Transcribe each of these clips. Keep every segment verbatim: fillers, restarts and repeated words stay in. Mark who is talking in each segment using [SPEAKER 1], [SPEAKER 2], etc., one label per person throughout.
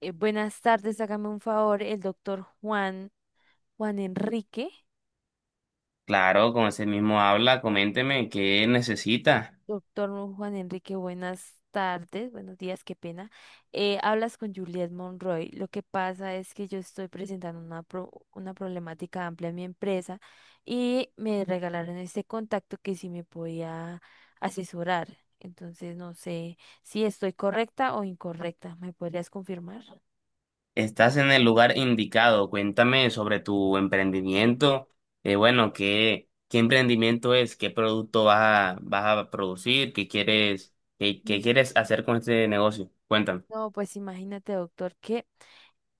[SPEAKER 1] Eh, buenas tardes, hágame un favor, el doctor Juan, Juan Enrique.
[SPEAKER 2] Claro, con ese mismo habla, coménteme qué necesita.
[SPEAKER 1] Doctor Juan Enrique, buenas tardes, buenos días, qué pena. Eh, hablas con Juliet Monroy. Lo que pasa es que yo estoy presentando una, pro- una problemática amplia en mi empresa y me regalaron este contacto que si me podía asesorar. Entonces, no sé si estoy correcta o incorrecta. ¿Me podrías confirmar?
[SPEAKER 2] Estás en el lugar indicado. Cuéntame sobre tu emprendimiento. Eh, bueno, ¿qué, qué emprendimiento es? ¿Qué producto vas a, vas a producir? ¿Qué quieres, qué, qué
[SPEAKER 1] Mm.
[SPEAKER 2] quieres hacer con este negocio? Cuéntame.
[SPEAKER 1] No, pues imagínate, doctor, que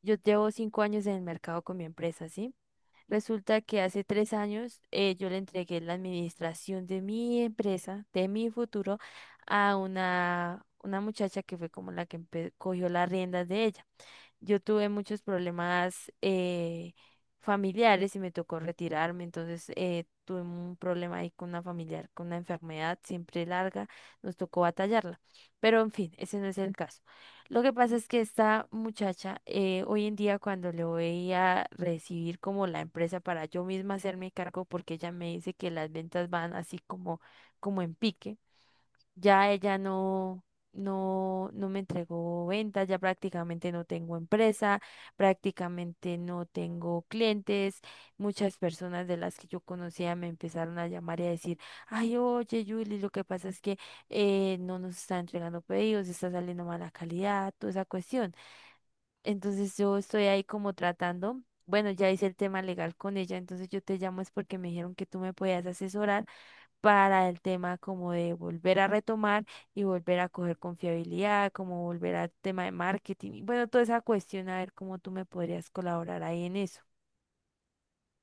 [SPEAKER 1] yo llevo cinco años en el mercado con mi empresa, ¿sí? Resulta que hace tres años eh, yo le entregué la administración de mi empresa, de mi futuro, a una, una muchacha que fue como la que empe- cogió las riendas de ella. Yo tuve muchos problemas eh, familiares y me tocó retirarme, entonces eh, tuve un problema ahí con una familiar, con una enfermedad siempre larga, nos tocó batallarla. Pero en fin, ese no es el caso. Lo que pasa es que esta muchacha, eh, hoy en día cuando le voy a recibir como la empresa para yo misma hacerme cargo, porque ella me dice que las ventas van así como, como en pique. Ya ella no, no, no me entregó ventas, ya prácticamente no tengo empresa, prácticamente no tengo clientes. Muchas personas de las que yo conocía me empezaron a llamar y a decir, ay, oye, Julie, lo que pasa es que eh, no nos está entregando pedidos, está saliendo mala calidad, toda esa cuestión. Entonces yo estoy ahí como tratando. Bueno, ya hice el tema legal con ella, entonces yo te llamo es porque me dijeron que tú me podías asesorar para el tema como de volver a retomar y volver a coger confiabilidad, como volver al tema de marketing. Y bueno, toda esa cuestión, a ver cómo tú me podrías colaborar ahí en eso.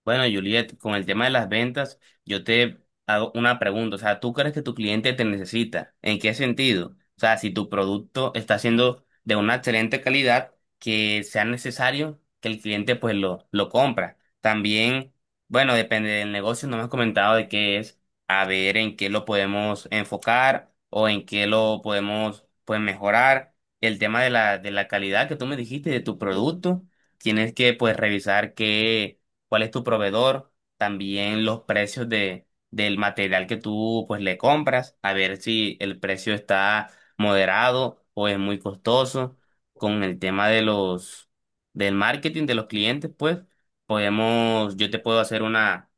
[SPEAKER 2] Bueno, Juliet, con el tema de las ventas, yo te hago una pregunta. O sea, ¿tú crees que tu cliente te necesita? ¿En qué sentido? O sea, si tu producto está siendo de una excelente calidad, que sea necesario que el cliente pues lo, lo compra. También, bueno, depende del negocio, no me has comentado de qué es, a ver en qué lo podemos enfocar o en qué lo podemos pues mejorar. El tema de la, de la calidad que tú me dijiste de tu
[SPEAKER 1] Sí.
[SPEAKER 2] producto, tienes que pues revisar qué cuál es tu proveedor, también los precios de, del material que tú pues le compras, a ver si el precio está moderado o es muy costoso. Con el tema de los del marketing de los clientes, pues podemos, yo te puedo hacer una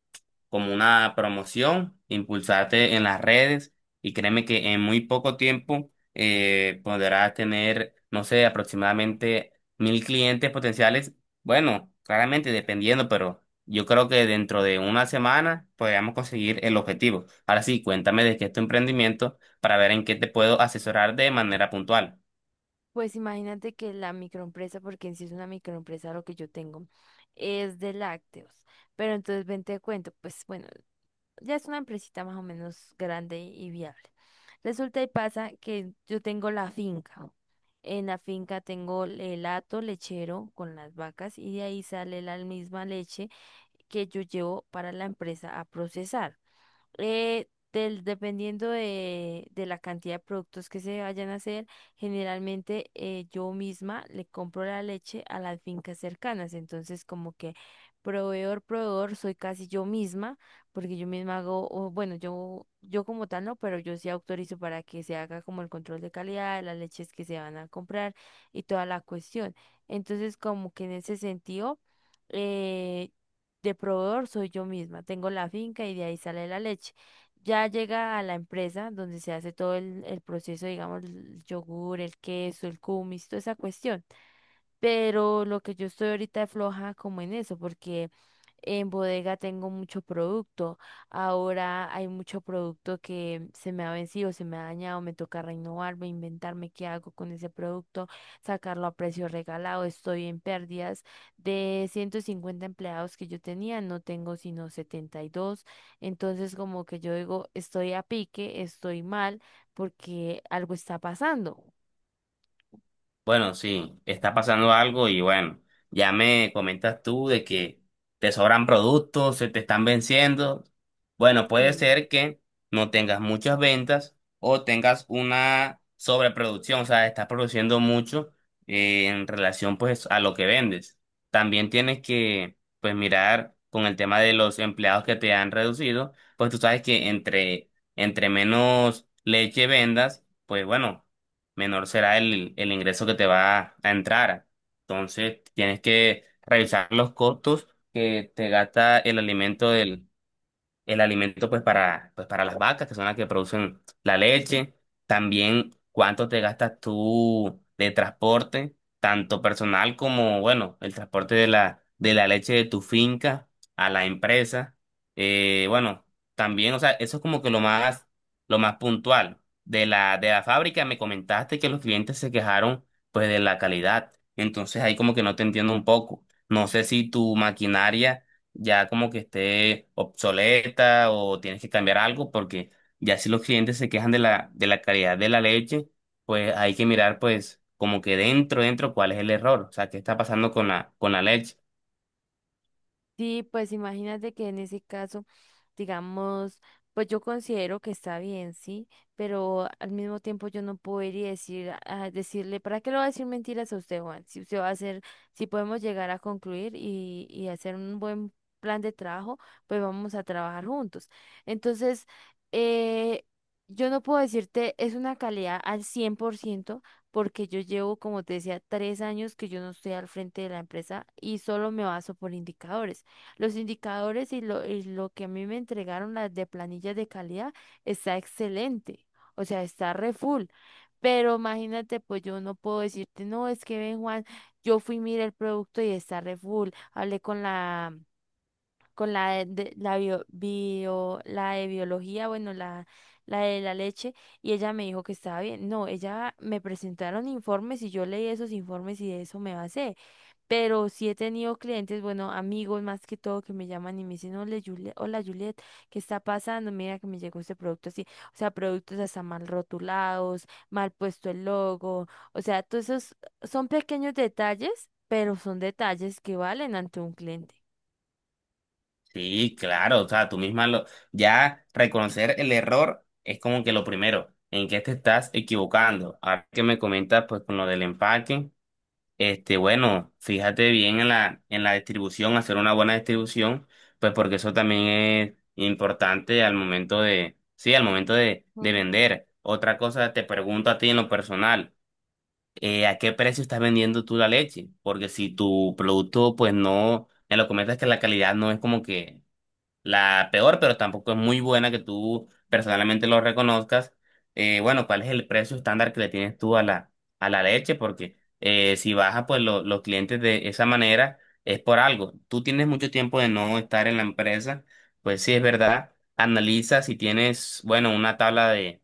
[SPEAKER 2] como una promoción, impulsarte en las redes y créeme que en muy poco tiempo eh, podrás tener, no sé, aproximadamente mil clientes potenciales. Bueno, claramente dependiendo, pero yo creo que dentro de una semana podríamos conseguir el objetivo. Ahora sí, cuéntame de qué es tu emprendimiento para ver en qué te puedo asesorar de manera puntual.
[SPEAKER 1] Pues imagínate que la microempresa, porque en sí es una microempresa lo que yo tengo, es de lácteos. Pero entonces ven te cuento, pues bueno, ya es una empresita más o menos grande y viable. Resulta y pasa que yo tengo la finca. En la finca tengo el hato lechero con las vacas y de ahí sale la misma leche que yo llevo para la empresa a procesar. Eh, del, dependiendo de, de la cantidad de productos que se vayan a hacer, generalmente eh, yo misma le compro la leche a las fincas cercanas. Entonces, como que proveedor, proveedor, soy casi yo misma, porque yo misma hago, o bueno, yo, yo como tal no, pero yo sí autorizo para que se haga como el control de calidad de las leches que se van a comprar y toda la cuestión. Entonces, como que en ese sentido... eh, de proveedor soy yo misma, tengo la finca y de ahí sale la leche. Ya llega a la empresa donde se hace todo el, el proceso, digamos, el yogur, el queso, el kumis, toda esa cuestión. Pero lo que yo estoy ahorita es floja como en eso, porque en bodega tengo mucho producto. Ahora hay mucho producto que se me ha vencido, se me ha dañado, me toca renovarme, inventarme qué hago con ese producto, sacarlo a precio regalado. Estoy en pérdidas. De ciento cincuenta empleados que yo tenía, no tengo sino setenta y dos. Entonces como que yo digo, estoy a pique, estoy mal, porque algo está pasando.
[SPEAKER 2] Bueno, sí, está pasando algo y bueno, ya me comentas tú de que te sobran productos, se te están venciendo. Bueno, puede
[SPEAKER 1] Sí.
[SPEAKER 2] ser que no tengas muchas ventas o tengas una sobreproducción, o sea, estás produciendo mucho eh, en relación pues a lo que vendes. También tienes que pues mirar con el tema de los empleados que te han reducido, pues tú sabes que entre, entre menos leche vendas, pues bueno menor será el, el ingreso que te va a entrar. Entonces, tienes que revisar los costos que te gasta el alimento del, el alimento pues para, pues para las vacas, que son las que producen la leche, también cuánto te gastas tú de transporte, tanto personal como, bueno, el transporte de la, de la leche de tu finca a la empresa. Eh, bueno, también, o sea, eso es como que lo más, lo más puntual. De la, de la fábrica me comentaste que los clientes se quejaron pues de la calidad. Entonces ahí como que no te entiendo un poco. No sé si tu maquinaria ya como que esté obsoleta o tienes que cambiar algo, porque ya si los clientes se quejan de la, de la calidad de la leche, pues hay que mirar pues como que dentro, dentro, cuál es el error, o sea, qué está pasando con la, con la leche.
[SPEAKER 1] Sí, pues imagínate que en ese caso, digamos, pues yo considero que está bien, sí, pero al mismo tiempo yo no puedo ir y decir, a decirle, ¿para qué le voy a decir mentiras a usted, Juan? Si usted va a hacer, si podemos llegar a concluir y, y hacer un buen plan de trabajo, pues vamos a trabajar juntos. Entonces, eh, yo no puedo decirte, es una calidad al cien por ciento, porque yo llevo, como te decía, tres años que yo no estoy al frente de la empresa y solo me baso por indicadores. Los indicadores y lo, y lo que a mí me entregaron las de planillas de calidad está excelente, o sea, está re full. Pero imagínate, pues yo no puedo decirte, no, es que ven, Juan, yo fui, mira el producto y está re full. Hablé con la, con la de, de- la bio, bio- la de biología, bueno, la, la de la leche, y ella me dijo que estaba bien. No, ella me presentaron informes y yo leí esos informes y de eso me basé. Pero sí he tenido clientes, bueno, amigos más que todo, que me llaman y me dicen, hola Juliet, hola Juliet, ¿qué está pasando? Mira que me llegó este producto así. O sea, productos hasta mal rotulados, mal puesto el logo. O sea, todos esos son pequeños detalles, pero son detalles que valen ante un cliente.
[SPEAKER 2] Sí, claro, o sea, tú misma lo, ya reconocer el error es como que lo primero, en qué te estás equivocando. Ahora que me comentas pues con lo del empaque. Este, bueno, fíjate bien en la, en la distribución, hacer una buena distribución, pues porque eso también es importante al momento de, sí, al momento de, de
[SPEAKER 1] Ujú.
[SPEAKER 2] vender. Otra cosa, te pregunto a ti en lo personal, eh, ¿a qué precio estás vendiendo tú la leche? Porque si tu producto, pues no, en lo que comentas que la calidad no es como que la peor, pero tampoco es muy buena que tú personalmente lo reconozcas. Eh, bueno, ¿cuál es el precio estándar que le tienes tú a la, a la leche? Porque eh, si baja, pues lo- los clientes de esa manera es por algo. Tú tienes mucho tiempo de no estar en la empresa, pues sí es verdad. Analiza si tienes, bueno, una tabla de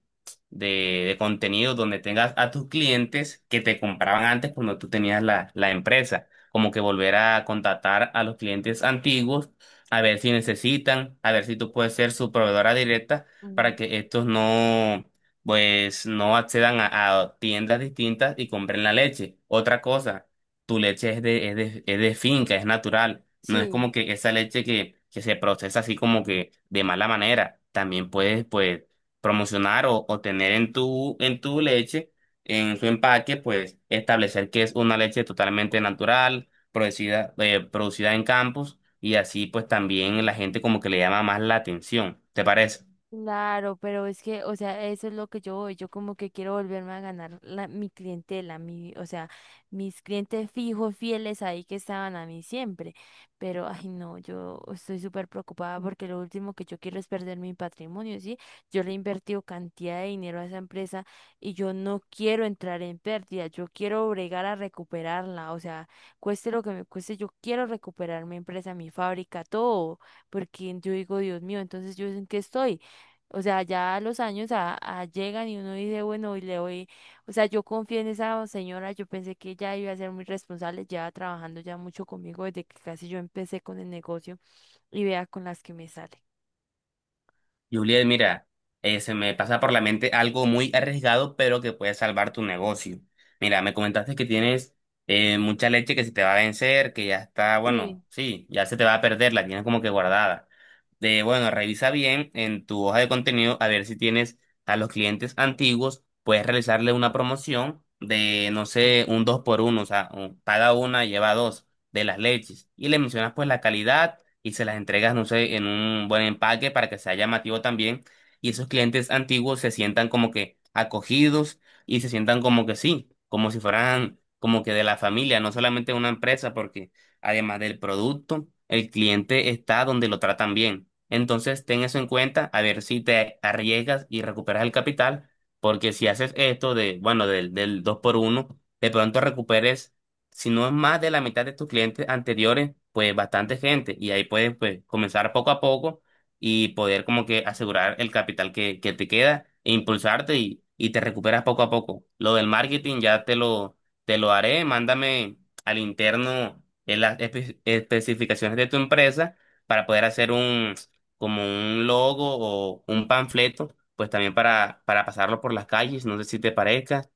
[SPEAKER 2] de, de contenido donde tengas a tus clientes que te compraban antes cuando tú tenías la, la empresa. Como que volver a contactar a los clientes antiguos, a ver si necesitan, a ver si tú puedes ser su proveedora directa
[SPEAKER 1] Mm.
[SPEAKER 2] para que estos no, pues, no accedan a, a tiendas distintas y compren la leche. Otra cosa, tu leche es de, es de, es de finca, es natural. No es
[SPEAKER 1] Sí.
[SPEAKER 2] como que esa leche que, que se procesa así como que de mala manera. También puedes, pues, promocionar o, o tener en tu, en tu leche, en su empaque, pues establecer que es una leche totalmente natural, producida, eh, producida en campos, y así pues también la gente como que le llama más la atención. ¿Te parece?
[SPEAKER 1] Claro, pero es que, o sea, eso es lo que yo voy, yo como que quiero volverme a ganar la, mi clientela, mi, o sea, mis clientes fijos, fieles ahí que estaban a mí siempre, pero, ay, no, yo estoy súper preocupada porque lo último que yo quiero es perder mi patrimonio, ¿sí? Yo le he invertido cantidad de dinero a esa empresa y yo no quiero entrar en pérdida, yo quiero bregar a recuperarla, o sea, cueste lo que me cueste, yo quiero recuperar mi empresa, mi fábrica, todo, porque yo digo, Dios mío, entonces yo en qué estoy. O sea, ya los años a- a llegan y uno dice, bueno, y le voy, o sea, yo confié en esa señora, yo pensé que ella iba a ser muy responsable, ya trabajando ya mucho conmigo desde que casi yo empecé con el negocio y vea con las que me sale.
[SPEAKER 2] Juliet, mira, eh, se me pasa por la mente algo muy arriesgado, pero que puede salvar tu negocio. Mira, me comentaste que tienes eh, mucha leche que se te va a vencer, que ya está,
[SPEAKER 1] Sí.
[SPEAKER 2] bueno, sí, ya se te va a perder, la tienes como que guardada. De, bueno, revisa bien en tu hoja de contenido a ver si tienes a los clientes antiguos, puedes realizarle una promoción de, no sé, un dos por uno, o sea, un- paga una, lleva dos de las leches. Y le mencionas pues la calidad y se las entregas, no sé, en un buen empaque para que sea llamativo también. Y esos clientes antiguos se sientan como que acogidos y se sientan como que sí, como si fueran como que de la familia, no solamente de una empresa, porque además del producto, el cliente está donde lo tratan bien. Entonces, ten eso en cuenta, a ver si te arriesgas y recuperas el capital, porque si haces esto de, bueno, del, del dos por uno de pronto recuperes si no es más de la mitad de tus clientes anteriores, pues bastante gente. Y ahí puedes pues, comenzar poco a poco y poder como que asegurar el capital que, que te queda e impulsarte y, y te recuperas poco a poco. Lo del marketing ya te lo, te lo haré. Mándame al interno en las espe- especificaciones de tu empresa para poder hacer un, como un logo o un panfleto, pues también para, para pasarlo por las calles. No sé si te parezca.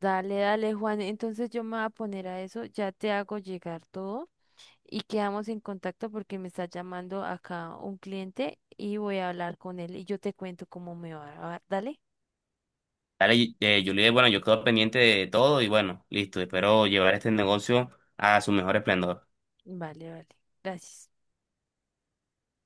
[SPEAKER 1] Dale, dale, Juan. Entonces yo me voy a poner a eso, ya te hago llegar todo y quedamos en contacto porque me está llamando acá un cliente y voy a hablar con él y yo te cuento cómo me va. ¿Va? Dale,
[SPEAKER 2] Dale, eh, Juliet, bueno, yo quedo pendiente de todo y bueno, listo, espero llevar este negocio a su mejor esplendor.
[SPEAKER 1] vale, vale. Gracias.